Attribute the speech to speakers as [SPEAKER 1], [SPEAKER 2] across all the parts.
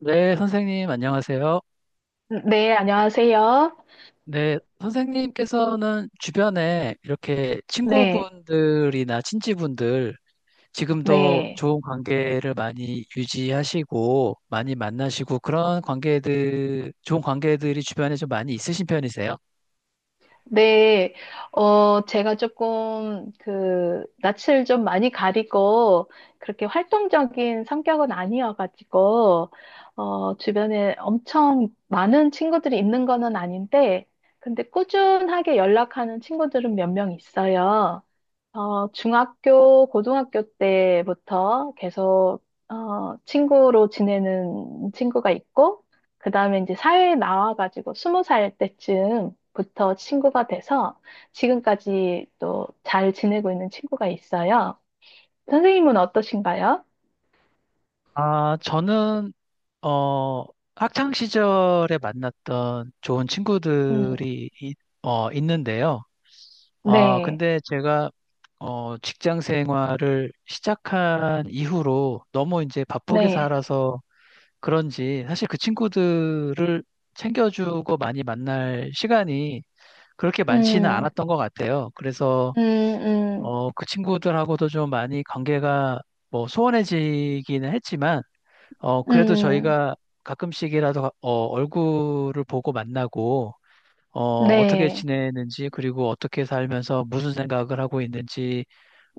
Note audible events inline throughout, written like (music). [SPEAKER 1] 네, 선생님, 안녕하세요.
[SPEAKER 2] 네, 안녕하세요.
[SPEAKER 1] 네, 선생님께서는 주변에 이렇게
[SPEAKER 2] 네,
[SPEAKER 1] 친구분들이나 친지분들, 지금도
[SPEAKER 2] 네,
[SPEAKER 1] 좋은 관계를 많이 유지하시고, 많이 만나시고, 그런 관계들, 좋은 관계들이 주변에 좀 많이 있으신 편이세요?
[SPEAKER 2] 네. 제가 조금 그 낯을 좀 많이 가리고 그렇게 활동적인 성격은 아니어가지고 주변에 엄청 많은 친구들이 있는 거는 아닌데, 근데 꾸준하게 연락하는 친구들은 몇 명 있어요. 중학교, 고등학교 때부터 계속, 친구로 지내는 친구가 있고, 그 다음에 이제 사회에 나와가지고 스무 살 때쯤부터 친구가 돼서 지금까지 또 잘 지내고 있는 친구가 있어요. 선생님은 어떠신가요?
[SPEAKER 1] 아, 저는, 어, 학창 시절에 만났던 좋은
[SPEAKER 2] 음,
[SPEAKER 1] 친구들이, 있는데요. 아,
[SPEAKER 2] 네,
[SPEAKER 1] 근데 제가 직장 생활을 시작한 이후로 너무 이제 바쁘게
[SPEAKER 2] 네,
[SPEAKER 1] 살아서 그런지 사실 그 친구들을 챙겨주고 많이 만날 시간이 그렇게 많지는
[SPEAKER 2] 음,
[SPEAKER 1] 않았던 것 같아요. 그래서
[SPEAKER 2] 음, 음,
[SPEAKER 1] 그 친구들하고도 좀 많이 관계가 뭐 소원해지기는 했지만 그래도
[SPEAKER 2] 음,
[SPEAKER 1] 저희가 가끔씩이라도 얼굴을 보고 만나고 어, 어떻게
[SPEAKER 2] 네,
[SPEAKER 1] 지내는지 그리고 어떻게 살면서 무슨 생각을 하고 있는지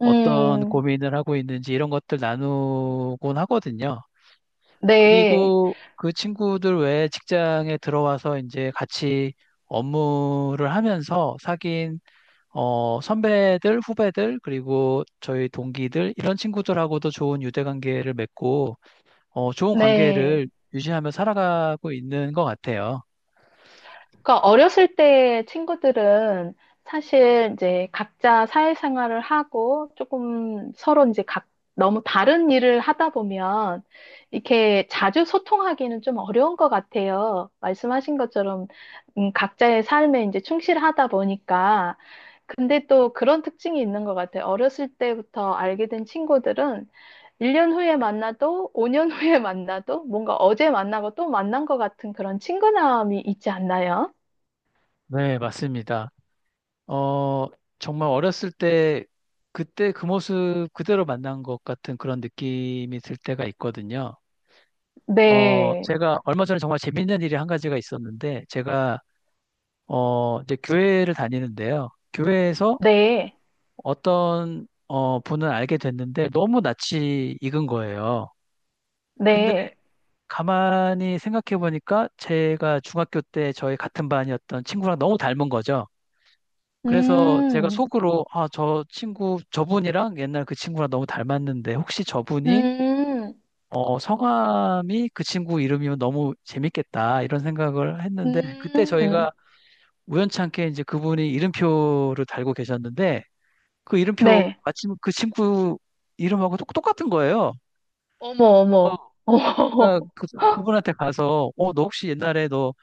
[SPEAKER 1] 어떤
[SPEAKER 2] 음,
[SPEAKER 1] 고민을 하고 있는지 이런 것들 나누곤 하거든요.
[SPEAKER 2] 네,
[SPEAKER 1] 그리고 그 친구들 외에 직장에 들어와서 이제 같이 업무를 하면서 사귄 선배들, 후배들, 그리고 저희 동기들 이런 친구들하고도 좋은 유대 관계를 맺고 좋은
[SPEAKER 2] 네.
[SPEAKER 1] 관계를 유지하며 살아가고 있는 것 같아요.
[SPEAKER 2] 그러니까 어렸을 때 친구들은 사실 이제 각자 사회생활을 하고 조금 서로 이제 각 너무 다른 일을 하다 보면 이렇게 자주 소통하기는 좀 어려운 것 같아요. 말씀하신 것처럼 각자의 삶에 이제 충실하다 보니까. 근데 또 그런 특징이 있는 것 같아요. 어렸을 때부터 알게 된 친구들은 1년 후에 만나도 5년 (laughs) 후에 만나도 뭔가 어제 만나고 또 만난 것 같은 그런 친근함이 있지 않나요?
[SPEAKER 1] 네, 맞습니다. 어, 정말 어렸을 때 그때 그 모습 그대로 만난 것 같은 그런 느낌이 들 때가 있거든요.
[SPEAKER 2] 네,
[SPEAKER 1] 제가 얼마 전에 정말 재밌는 일이 한 가지가 있었는데 제가 이제 교회를 다니는데요. 교회에서
[SPEAKER 2] 네,
[SPEAKER 1] 어떤 분을 알게 됐는데 너무 낯이 익은 거예요. 근데
[SPEAKER 2] 네.
[SPEAKER 1] 가만히 생각해 보니까 제가 중학교 때 저희 같은 반이었던 친구랑 너무 닮은 거죠. 그래서 제가
[SPEAKER 2] 음,
[SPEAKER 1] 속으로 아, 저 친구, 저분이랑 옛날 그 친구랑 너무 닮았는데 혹시 저분이
[SPEAKER 2] 음,
[SPEAKER 1] 성함이 그 친구 이름이면 너무 재밌겠다 이런 생각을 했는데 그때
[SPEAKER 2] 음.
[SPEAKER 1] 저희가 우연찮게 이제 그분이 이름표를 달고 계셨는데 그 이름표
[SPEAKER 2] 네.
[SPEAKER 1] 마침 그 친구 이름하고 똑같은 거예요.
[SPEAKER 2] 어머,
[SPEAKER 1] 어,
[SPEAKER 2] 어머, 어머,
[SPEAKER 1] 제가
[SPEAKER 2] (laughs)
[SPEAKER 1] 그, 그분한테 가서 너 혹시 옛날에 너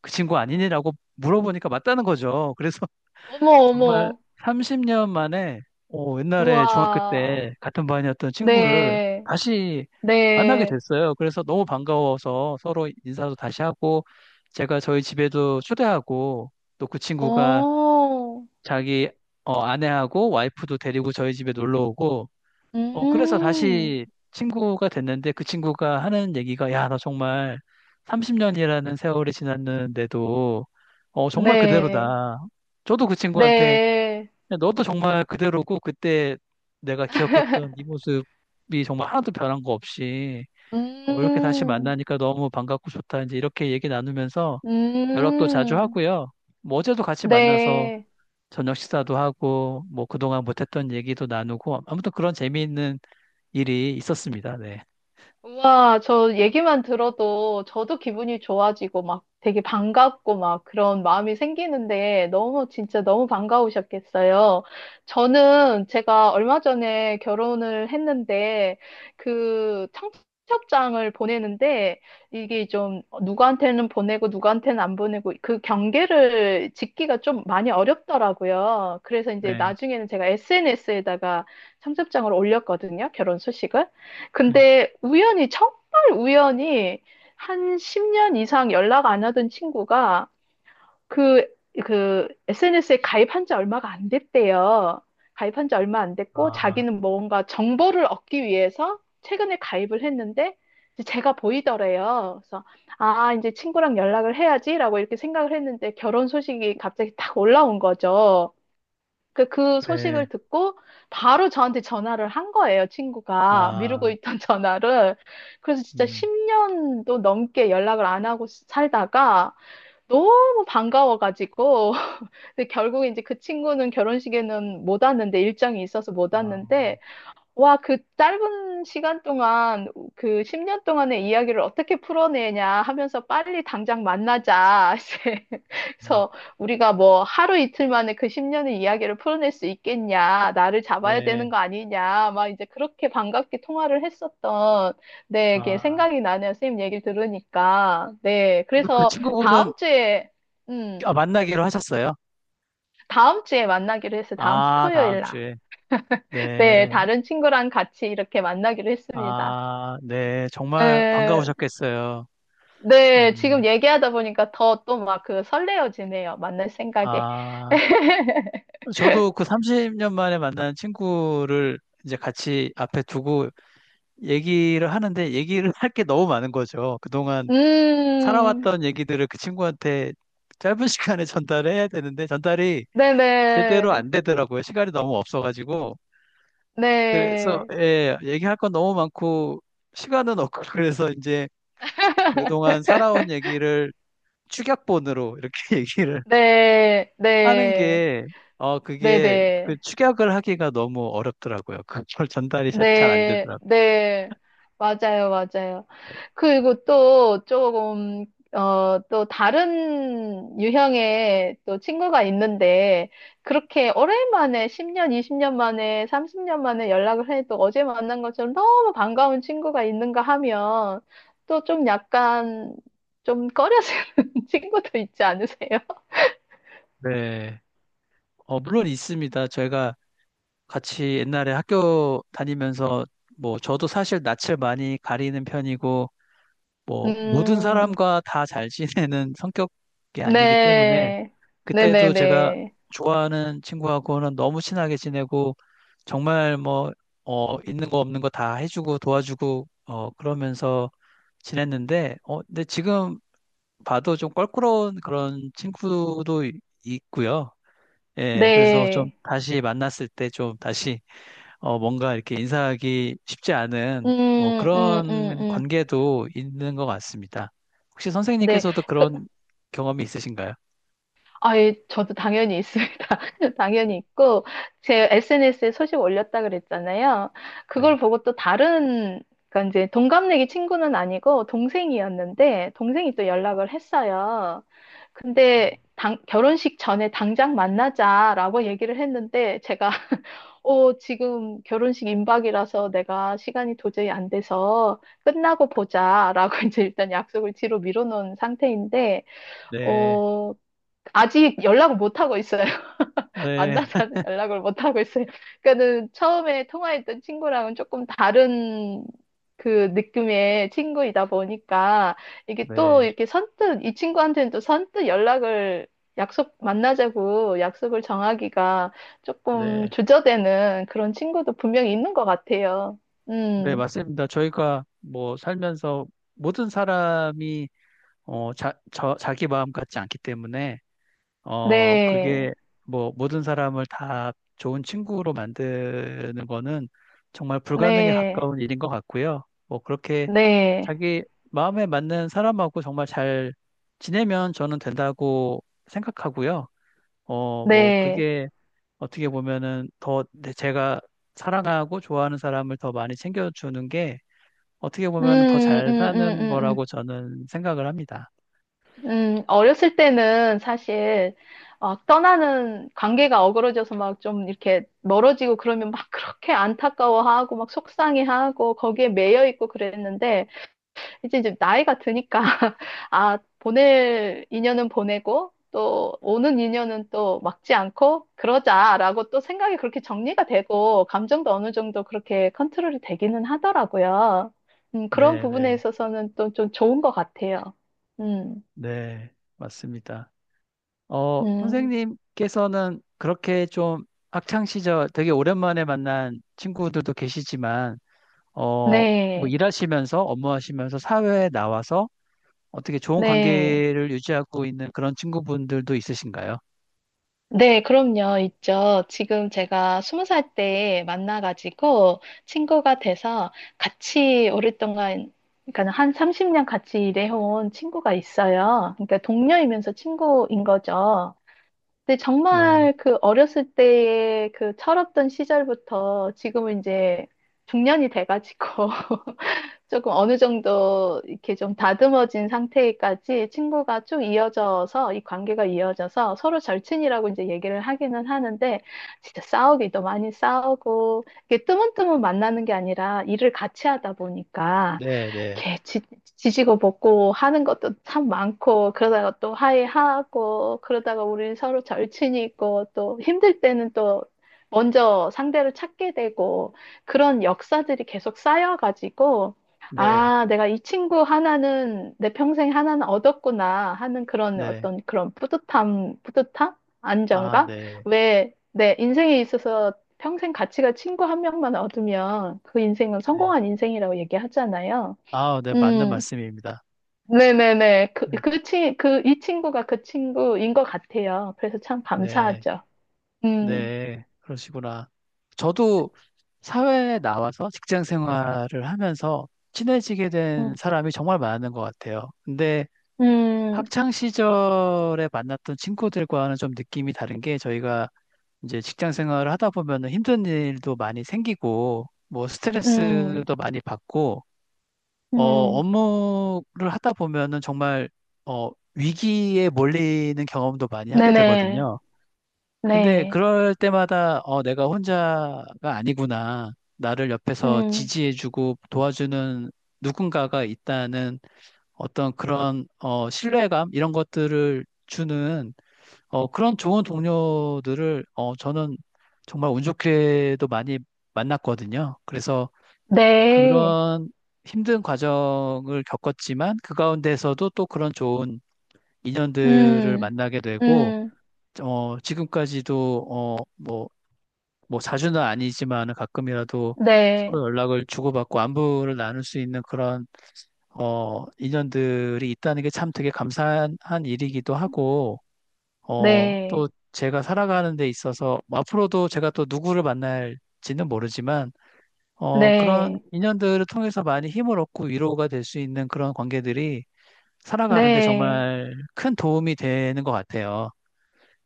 [SPEAKER 1] 그 친구 아니니라고 물어보니까 맞다는 거죠. 그래서
[SPEAKER 2] 어머,
[SPEAKER 1] 정말
[SPEAKER 2] 어머.
[SPEAKER 1] 30년 만에 옛날에 중학교
[SPEAKER 2] 우와.
[SPEAKER 1] 때 같은 반이었던 친구를
[SPEAKER 2] 네,
[SPEAKER 1] 다시 만나게
[SPEAKER 2] 네.
[SPEAKER 1] 됐어요. 그래서 너무 반가워서 서로 인사도 다시 하고 제가 저희 집에도 초대하고 또 그 친구가
[SPEAKER 2] 오.
[SPEAKER 1] 자기 아내하고 와이프도 데리고 저희 집에 놀러 오고 그래서
[SPEAKER 2] 음,
[SPEAKER 1] 다시 친구가 됐는데 그 친구가 하는 얘기가 야, 나 정말 30년이라는 세월이 지났는데도 정말
[SPEAKER 2] 네,
[SPEAKER 1] 그대로다. 저도 그 친구한테
[SPEAKER 2] 네.
[SPEAKER 1] 근데 너도 정말 그대로고 그때 내가 기억했던 네 모습이 정말 하나도 변한 거 없이 이렇게 다시
[SPEAKER 2] 음,
[SPEAKER 1] 만나니까 너무 반갑고 좋다. 이제 이렇게 얘기 나누면서 연락도 자주
[SPEAKER 2] 음,
[SPEAKER 1] 하고요. 뭐 어제도 같이 만나서
[SPEAKER 2] 네.
[SPEAKER 1] 저녁 식사도 하고 뭐 그동안 못했던 얘기도 나누고 아무튼 그런 재미있는 일이 있었습니다. 네.
[SPEAKER 2] 와, 저 얘기만 들어도 저도 기분이 좋아지고 막 되게 반갑고 막 그런 마음이 생기는데, 너무 진짜 너무 반가우셨겠어요. 저는 제가 얼마 전에 결혼을 했는데 그 청첩장을 보내는데 이게 좀 누구한테는 보내고 누구한테는 안 보내고 그 경계를 짓기가 좀 많이 어렵더라고요. 그래서 이제
[SPEAKER 1] 네.
[SPEAKER 2] 나중에는 제가 SNS에다가 청첩장을 올렸거든요. 결혼 소식을.
[SPEAKER 1] 네.
[SPEAKER 2] 근데 우연히, 정말 우연히 한 10년 이상 연락 안 하던 친구가 그, 그 SNS에 가입한 지 얼마가 안 됐대요. 가입한 지 얼마 안 됐고
[SPEAKER 1] 아,
[SPEAKER 2] 자기는 뭔가 정보를 얻기 위해서 최근에 가입을 했는데 이제 제가 보이더래요. 그래서 아, 이제 친구랑 연락을 해야지라고 이렇게 생각을 했는데 결혼 소식이 갑자기 딱 올라온 거죠. 그
[SPEAKER 1] 네.
[SPEAKER 2] 소식을 듣고 바로 저한테 전화를 한 거예요, 친구가. 미루고
[SPEAKER 1] 아,
[SPEAKER 2] 있던 (laughs) 전화를. 그래서 진짜
[SPEAKER 1] 음.
[SPEAKER 2] 10년도 넘게 연락을 안 하고 살다가 너무 반가워가지고. (laughs) 근데 결국에 이제 그 친구는 결혼식에는 못 왔는데, 일정이 있어서 못
[SPEAKER 1] 아,
[SPEAKER 2] 왔는데, 와, 그 짧은 시간 동안 그 10년 동안의 이야기를 어떻게 풀어내냐 하면서 빨리 당장 만나자. (laughs) 이제
[SPEAKER 1] 음.
[SPEAKER 2] 그래서 우리가 뭐 하루 이틀 만에 그 10년의 이야기를 풀어낼 수 있겠냐. 나를 잡아야
[SPEAKER 1] 네.
[SPEAKER 2] 되는 거 아니냐. 막 이제 그렇게 반갑게 통화를 했었던, 네, 이게
[SPEAKER 1] 아,
[SPEAKER 2] 생각이 나네요. 선생님 얘기를 들으니까. 네.
[SPEAKER 1] 그
[SPEAKER 2] 그래서
[SPEAKER 1] 친구분은
[SPEAKER 2] 다음 주에, 음,
[SPEAKER 1] 아, 만나기로 하셨어요?
[SPEAKER 2] 다음 주에 만나기로 했어요. 다음 주
[SPEAKER 1] 아, 다음
[SPEAKER 2] 토요일 날.
[SPEAKER 1] 주에.
[SPEAKER 2] (laughs)
[SPEAKER 1] 네.
[SPEAKER 2] 네, 다른 친구랑 같이 이렇게 만나기로 했습니다.
[SPEAKER 1] 아, 네. 정말
[SPEAKER 2] 에,
[SPEAKER 1] 반가우셨겠어요. 네.
[SPEAKER 2] 네, 지금 얘기하다 보니까 더 또 막 그 설레어지네요. 만날 생각에.
[SPEAKER 1] 아,
[SPEAKER 2] (laughs)
[SPEAKER 1] 저도 그 30년 만에 만난 친구를 이제 같이 앞에 두고 얘기를 하는데 얘기를 할 게 너무 많은 거죠. 그동안
[SPEAKER 2] 음,
[SPEAKER 1] 살아왔던 얘기들을 그 친구한테 짧은 (laughs) 시간에 전달해야 되는데 전달이 제대로
[SPEAKER 2] 네네,
[SPEAKER 1] 안 되더라고요. 시간이 너무 없어가지고. 그래서,
[SPEAKER 2] 네,
[SPEAKER 1] 예, 얘기할 건 너무 많고 시간은 없고 (laughs) 그래서 이제 그동안
[SPEAKER 2] (laughs)
[SPEAKER 1] 살아온 얘기를 축약본으로 이렇게 (laughs) 얘기를
[SPEAKER 2] 네,
[SPEAKER 1] 하는
[SPEAKER 2] 네,
[SPEAKER 1] 게, 그게 그
[SPEAKER 2] 네네.
[SPEAKER 1] 축약을 하기가 너무 어렵더라고요. (laughs) 그걸 전달이 잘 안
[SPEAKER 2] 네,
[SPEAKER 1] 되더라고요.
[SPEAKER 2] 네, 맞아요, 맞아요. 그리고 또 조금, 또 다른 유형의 또 친구가 있는데, 그렇게 오랜만에 10년, 20년 만에, 30년 만에 연락을 해도 어제 만난 것처럼 너무 반가운 친구가 있는가 하면, 또 좀 약간, 좀 꺼려지는 (laughs) 친구도 있지 않으세요?
[SPEAKER 1] 네. 물론 있습니다. 저희가 같이 옛날에 학교 다니면서 뭐 저도 사실 낯을 많이 가리는 편이고 뭐 모든
[SPEAKER 2] 음,
[SPEAKER 1] 사람과 다 잘 지내는 성격이 아니기 때문에
[SPEAKER 2] 네,
[SPEAKER 1] 그때도 제가
[SPEAKER 2] 네네네.
[SPEAKER 1] 좋아하는 친구하고는 너무 친하게 지내고 정말 뭐 있는 거 없는 거 다 해주고 도와주고 그러면서 지냈는데 근데 지금 봐도 좀 껄끄러운 그런 친구도 있고요. 예, 그래서 좀
[SPEAKER 2] 네.
[SPEAKER 1] 다시 만났을 때 좀 다시 뭔가 이렇게 인사하기 쉽지 않은 뭐
[SPEAKER 2] 음, 음, 음,
[SPEAKER 1] 그런
[SPEAKER 2] 음.
[SPEAKER 1] 관계도 있는 것 같습니다. 혹시
[SPEAKER 2] 네.
[SPEAKER 1] 선생님께서도
[SPEAKER 2] 그,
[SPEAKER 1] 그런 경험이 있으신가요?
[SPEAKER 2] 아, 예, 저도 당연히 있습니다. (laughs) 당연히 있고, 제 SNS에 소식 올렸다 그랬잖아요.
[SPEAKER 1] 네.
[SPEAKER 2] 그걸 보고 또 다른, 그러니까 이제 동갑내기 친구는 아니고 동생이었는데, 동생이 또 연락을 했어요. 근데 결혼식 전에 당장 만나자라고 얘기를 했는데, 제가 지금 결혼식 임박이라서 내가 시간이 도저히 안 돼서 끝나고 보자라고 (laughs) 이제 일단 약속을 뒤로 미뤄놓은 상태인데,
[SPEAKER 1] 네.
[SPEAKER 2] 어, 아직 연락을 못 하고 있어요.
[SPEAKER 1] 네.
[SPEAKER 2] 만나자는 (laughs) 연락을 못 하고 있어요. 그러니까는 처음에 통화했던 친구랑은 조금 다른 그 느낌의 친구이다 보니까 이게 또
[SPEAKER 1] 네,
[SPEAKER 2] 이렇게 선뜻 이 친구한테는 또 선뜻 연락을 약속 만나자고 약속을 정하기가 조금
[SPEAKER 1] 네,
[SPEAKER 2] 주저되는 그런 친구도 분명히 있는 것 같아요.
[SPEAKER 1] 네,
[SPEAKER 2] 음,
[SPEAKER 1] 맞습니다. 저희가 뭐 살면서 모든 사람이 자기 마음 같지 않기 때문에
[SPEAKER 2] 네,
[SPEAKER 1] 그게 뭐 모든 사람을 다 좋은 친구로 만드는 거는 정말 불가능에
[SPEAKER 2] 네,
[SPEAKER 1] 가까운 일인 것 같고요. 뭐 그렇게
[SPEAKER 2] 네,
[SPEAKER 1] 자기 마음에 맞는 사람하고 정말 잘 지내면 저는 된다고 생각하고요. 뭐
[SPEAKER 2] 네.
[SPEAKER 1] 그게 어떻게 보면은 제가 사랑하고 좋아하는 사람을 더 많이 챙겨주는 게 어떻게
[SPEAKER 2] 음,
[SPEAKER 1] 보면은 더
[SPEAKER 2] 음,
[SPEAKER 1] 잘
[SPEAKER 2] 음,
[SPEAKER 1] 사는
[SPEAKER 2] 음,
[SPEAKER 1] 거라고
[SPEAKER 2] 음.
[SPEAKER 1] 저는 생각을 합니다.
[SPEAKER 2] 어렸을 때는 사실 막 떠나는 관계가 어그러져서 막 좀 이렇게 멀어지고 그러면 막 (laughs) 그렇게 안타까워하고 막 속상해하고 거기에 매여 있고 그랬는데 이제 나이가 드니까 (laughs) 아, 보낼 인연은 보내고 또 오는 인연은 또 막지 않고 그러자라고 또 생각이 그렇게 정리가 되고 감정도 어느 정도 그렇게 컨트롤이 되기는 하더라고요. 그런
[SPEAKER 1] 네, 네,
[SPEAKER 2] 부분에 있어서는 또 좀 좋은 것 같아요. 음,
[SPEAKER 1] 네, 맞습니다.
[SPEAKER 2] 음.
[SPEAKER 1] 선생님께서는 그렇게 좀 학창 시절 되게 오랜만에 만난 친구들도 계시지만, 어, 뭐
[SPEAKER 2] 네,
[SPEAKER 1] 일하시면서 업무하시면서 사회에 나와서 어떻게 좋은
[SPEAKER 2] 네,
[SPEAKER 1] 관계를 유지하고 있는 그런 친구분들도 있으신가요?
[SPEAKER 2] 네, 그럼요, 있죠. 지금 제가 스무 살 때 만나가지고 친구가 돼서 같이 오랫동안, 그러니까 한 30년 같이 일해온 친구가 있어요. 그러니까 동료이면서 친구인 거죠. 근데
[SPEAKER 1] 네,
[SPEAKER 2] 정말 그 어렸을 때의 그 철없던 시절부터 지금은 이제 중년이 돼가지고 조금 어느 정도 이렇게 좀 다듬어진 상태까지 친구가 쭉 이어져서 이 관계가 이어져서 서로 절친이라고 이제 얘기를 하기는 하는데 진짜 싸우기도 많이 싸우고 이게 뜨문뜨문 만나는 게 아니라 일을 같이 하다 보니까
[SPEAKER 1] 네, 네,
[SPEAKER 2] 이렇게 지지고 볶고 하는 것도 참 많고 그러다가 또 화해하고 그러다가 우리 서로 절친이고 또 힘들 때는 또 먼저 상대를 찾게 되고 그런 역사들이 계속 쌓여가지고
[SPEAKER 1] 네,
[SPEAKER 2] 아, 내가 이 친구 하나는 내 평생 하나는 얻었구나 하는 그런
[SPEAKER 1] 네.
[SPEAKER 2] 어떤 그런 뿌듯함, 뿌듯함?
[SPEAKER 1] 아,
[SPEAKER 2] 안정감?
[SPEAKER 1] 네.
[SPEAKER 2] 왜 내 인생에 있어서 평생 가치가 친구 한 명만 얻으면 그 인생은
[SPEAKER 1] 네.
[SPEAKER 2] 성공한 인생이라고 얘기하잖아요.
[SPEAKER 1] 아, 네, 맞는
[SPEAKER 2] 음,
[SPEAKER 1] 말씀입니다.
[SPEAKER 2] 네네네. 그,
[SPEAKER 1] 음,
[SPEAKER 2] 그 친, 그, 이 친구가 그 친구인 것 같아요. 그래서 참
[SPEAKER 1] 네,
[SPEAKER 2] 감사하죠. 음,
[SPEAKER 1] 네, 그러시구나. 저도 사회에 나와서 직장 생활을 하면서 친해지게
[SPEAKER 2] 음,
[SPEAKER 1] 된 사람이 정말 많은 것 같아요. 근데
[SPEAKER 2] 음,
[SPEAKER 1] 학창 시절에 만났던 친구들과는 좀 느낌이 다른 게 저희가 이제 직장 생활을 하다 보면 힘든 일도 많이 생기고 뭐
[SPEAKER 2] 음,
[SPEAKER 1] 스트레스도 많이 받고
[SPEAKER 2] 음.
[SPEAKER 1] 업무를 하다 보면은 정말 위기에 몰리는 경험도 많이 하게
[SPEAKER 2] 네네.
[SPEAKER 1] 되거든요. 근데
[SPEAKER 2] 네.
[SPEAKER 1] 그럴 때마다 내가 혼자가 아니구나. 나를 옆에서
[SPEAKER 2] 음,
[SPEAKER 1] 지지해주고 도와주는 누군가가 있다는 어떤 그런 신뢰감 이런 것들을 주는 그런 좋은 동료들을 저는 정말 운 좋게도 많이 만났거든요. 그래서
[SPEAKER 2] 네.
[SPEAKER 1] 그런 힘든 과정을 겪었지만 그 가운데서도 또 그런 좋은 인연들을
[SPEAKER 2] 음,
[SPEAKER 1] 만나게 되고
[SPEAKER 2] 음,
[SPEAKER 1] 지금까지도 뭐 자주는 아니지만 가끔이라도
[SPEAKER 2] 네,
[SPEAKER 1] 서로 연락을 주고받고 안부를 나눌 수 있는 그런 인연들이 있다는 게 참 되게 감사한 일이기도 하고
[SPEAKER 2] 네,
[SPEAKER 1] 또 제가 살아가는 데 있어서 뭐 앞으로도 제가 또 누구를 만날지는 모르지만 그런
[SPEAKER 2] 네,
[SPEAKER 1] 인연들을 통해서 많이 힘을 얻고 위로가 될 수 있는 그런 관계들이 살아가는데
[SPEAKER 2] 네,
[SPEAKER 1] 정말 큰 도움이 되는 것 같아요.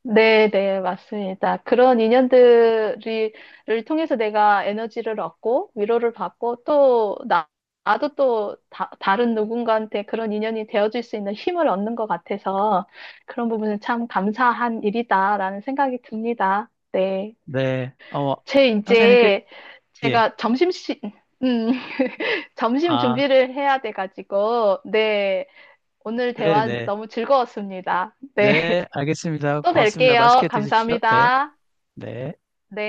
[SPEAKER 2] 네, 네, 맞습니다. 그런 인연들을 통해서 내가 에너지를 얻고 위로를 받고 또 나도 또 다른 누군가한테 그런 인연이 되어줄 수 있는 힘을 얻는 것 같아서 그런 부분은 참 감사한 일이다라는 생각이 듭니다. 네.
[SPEAKER 1] 네,
[SPEAKER 2] 제
[SPEAKER 1] 선생님께,
[SPEAKER 2] 이제
[SPEAKER 1] 예.
[SPEAKER 2] 제가 점심시 음 (laughs) 점심
[SPEAKER 1] 아,
[SPEAKER 2] 준비를 해야 돼가지고. 네, 오늘 대화
[SPEAKER 1] 네네.
[SPEAKER 2] 너무 즐거웠습니다.
[SPEAKER 1] 네,
[SPEAKER 2] 네.
[SPEAKER 1] 네,
[SPEAKER 2] (laughs)
[SPEAKER 1] 알겠습니다.
[SPEAKER 2] 또
[SPEAKER 1] 고맙습니다.
[SPEAKER 2] 뵐게요.
[SPEAKER 1] 맛있게 드십시오. 네,
[SPEAKER 2] 감사합니다.
[SPEAKER 1] 네.
[SPEAKER 2] 네.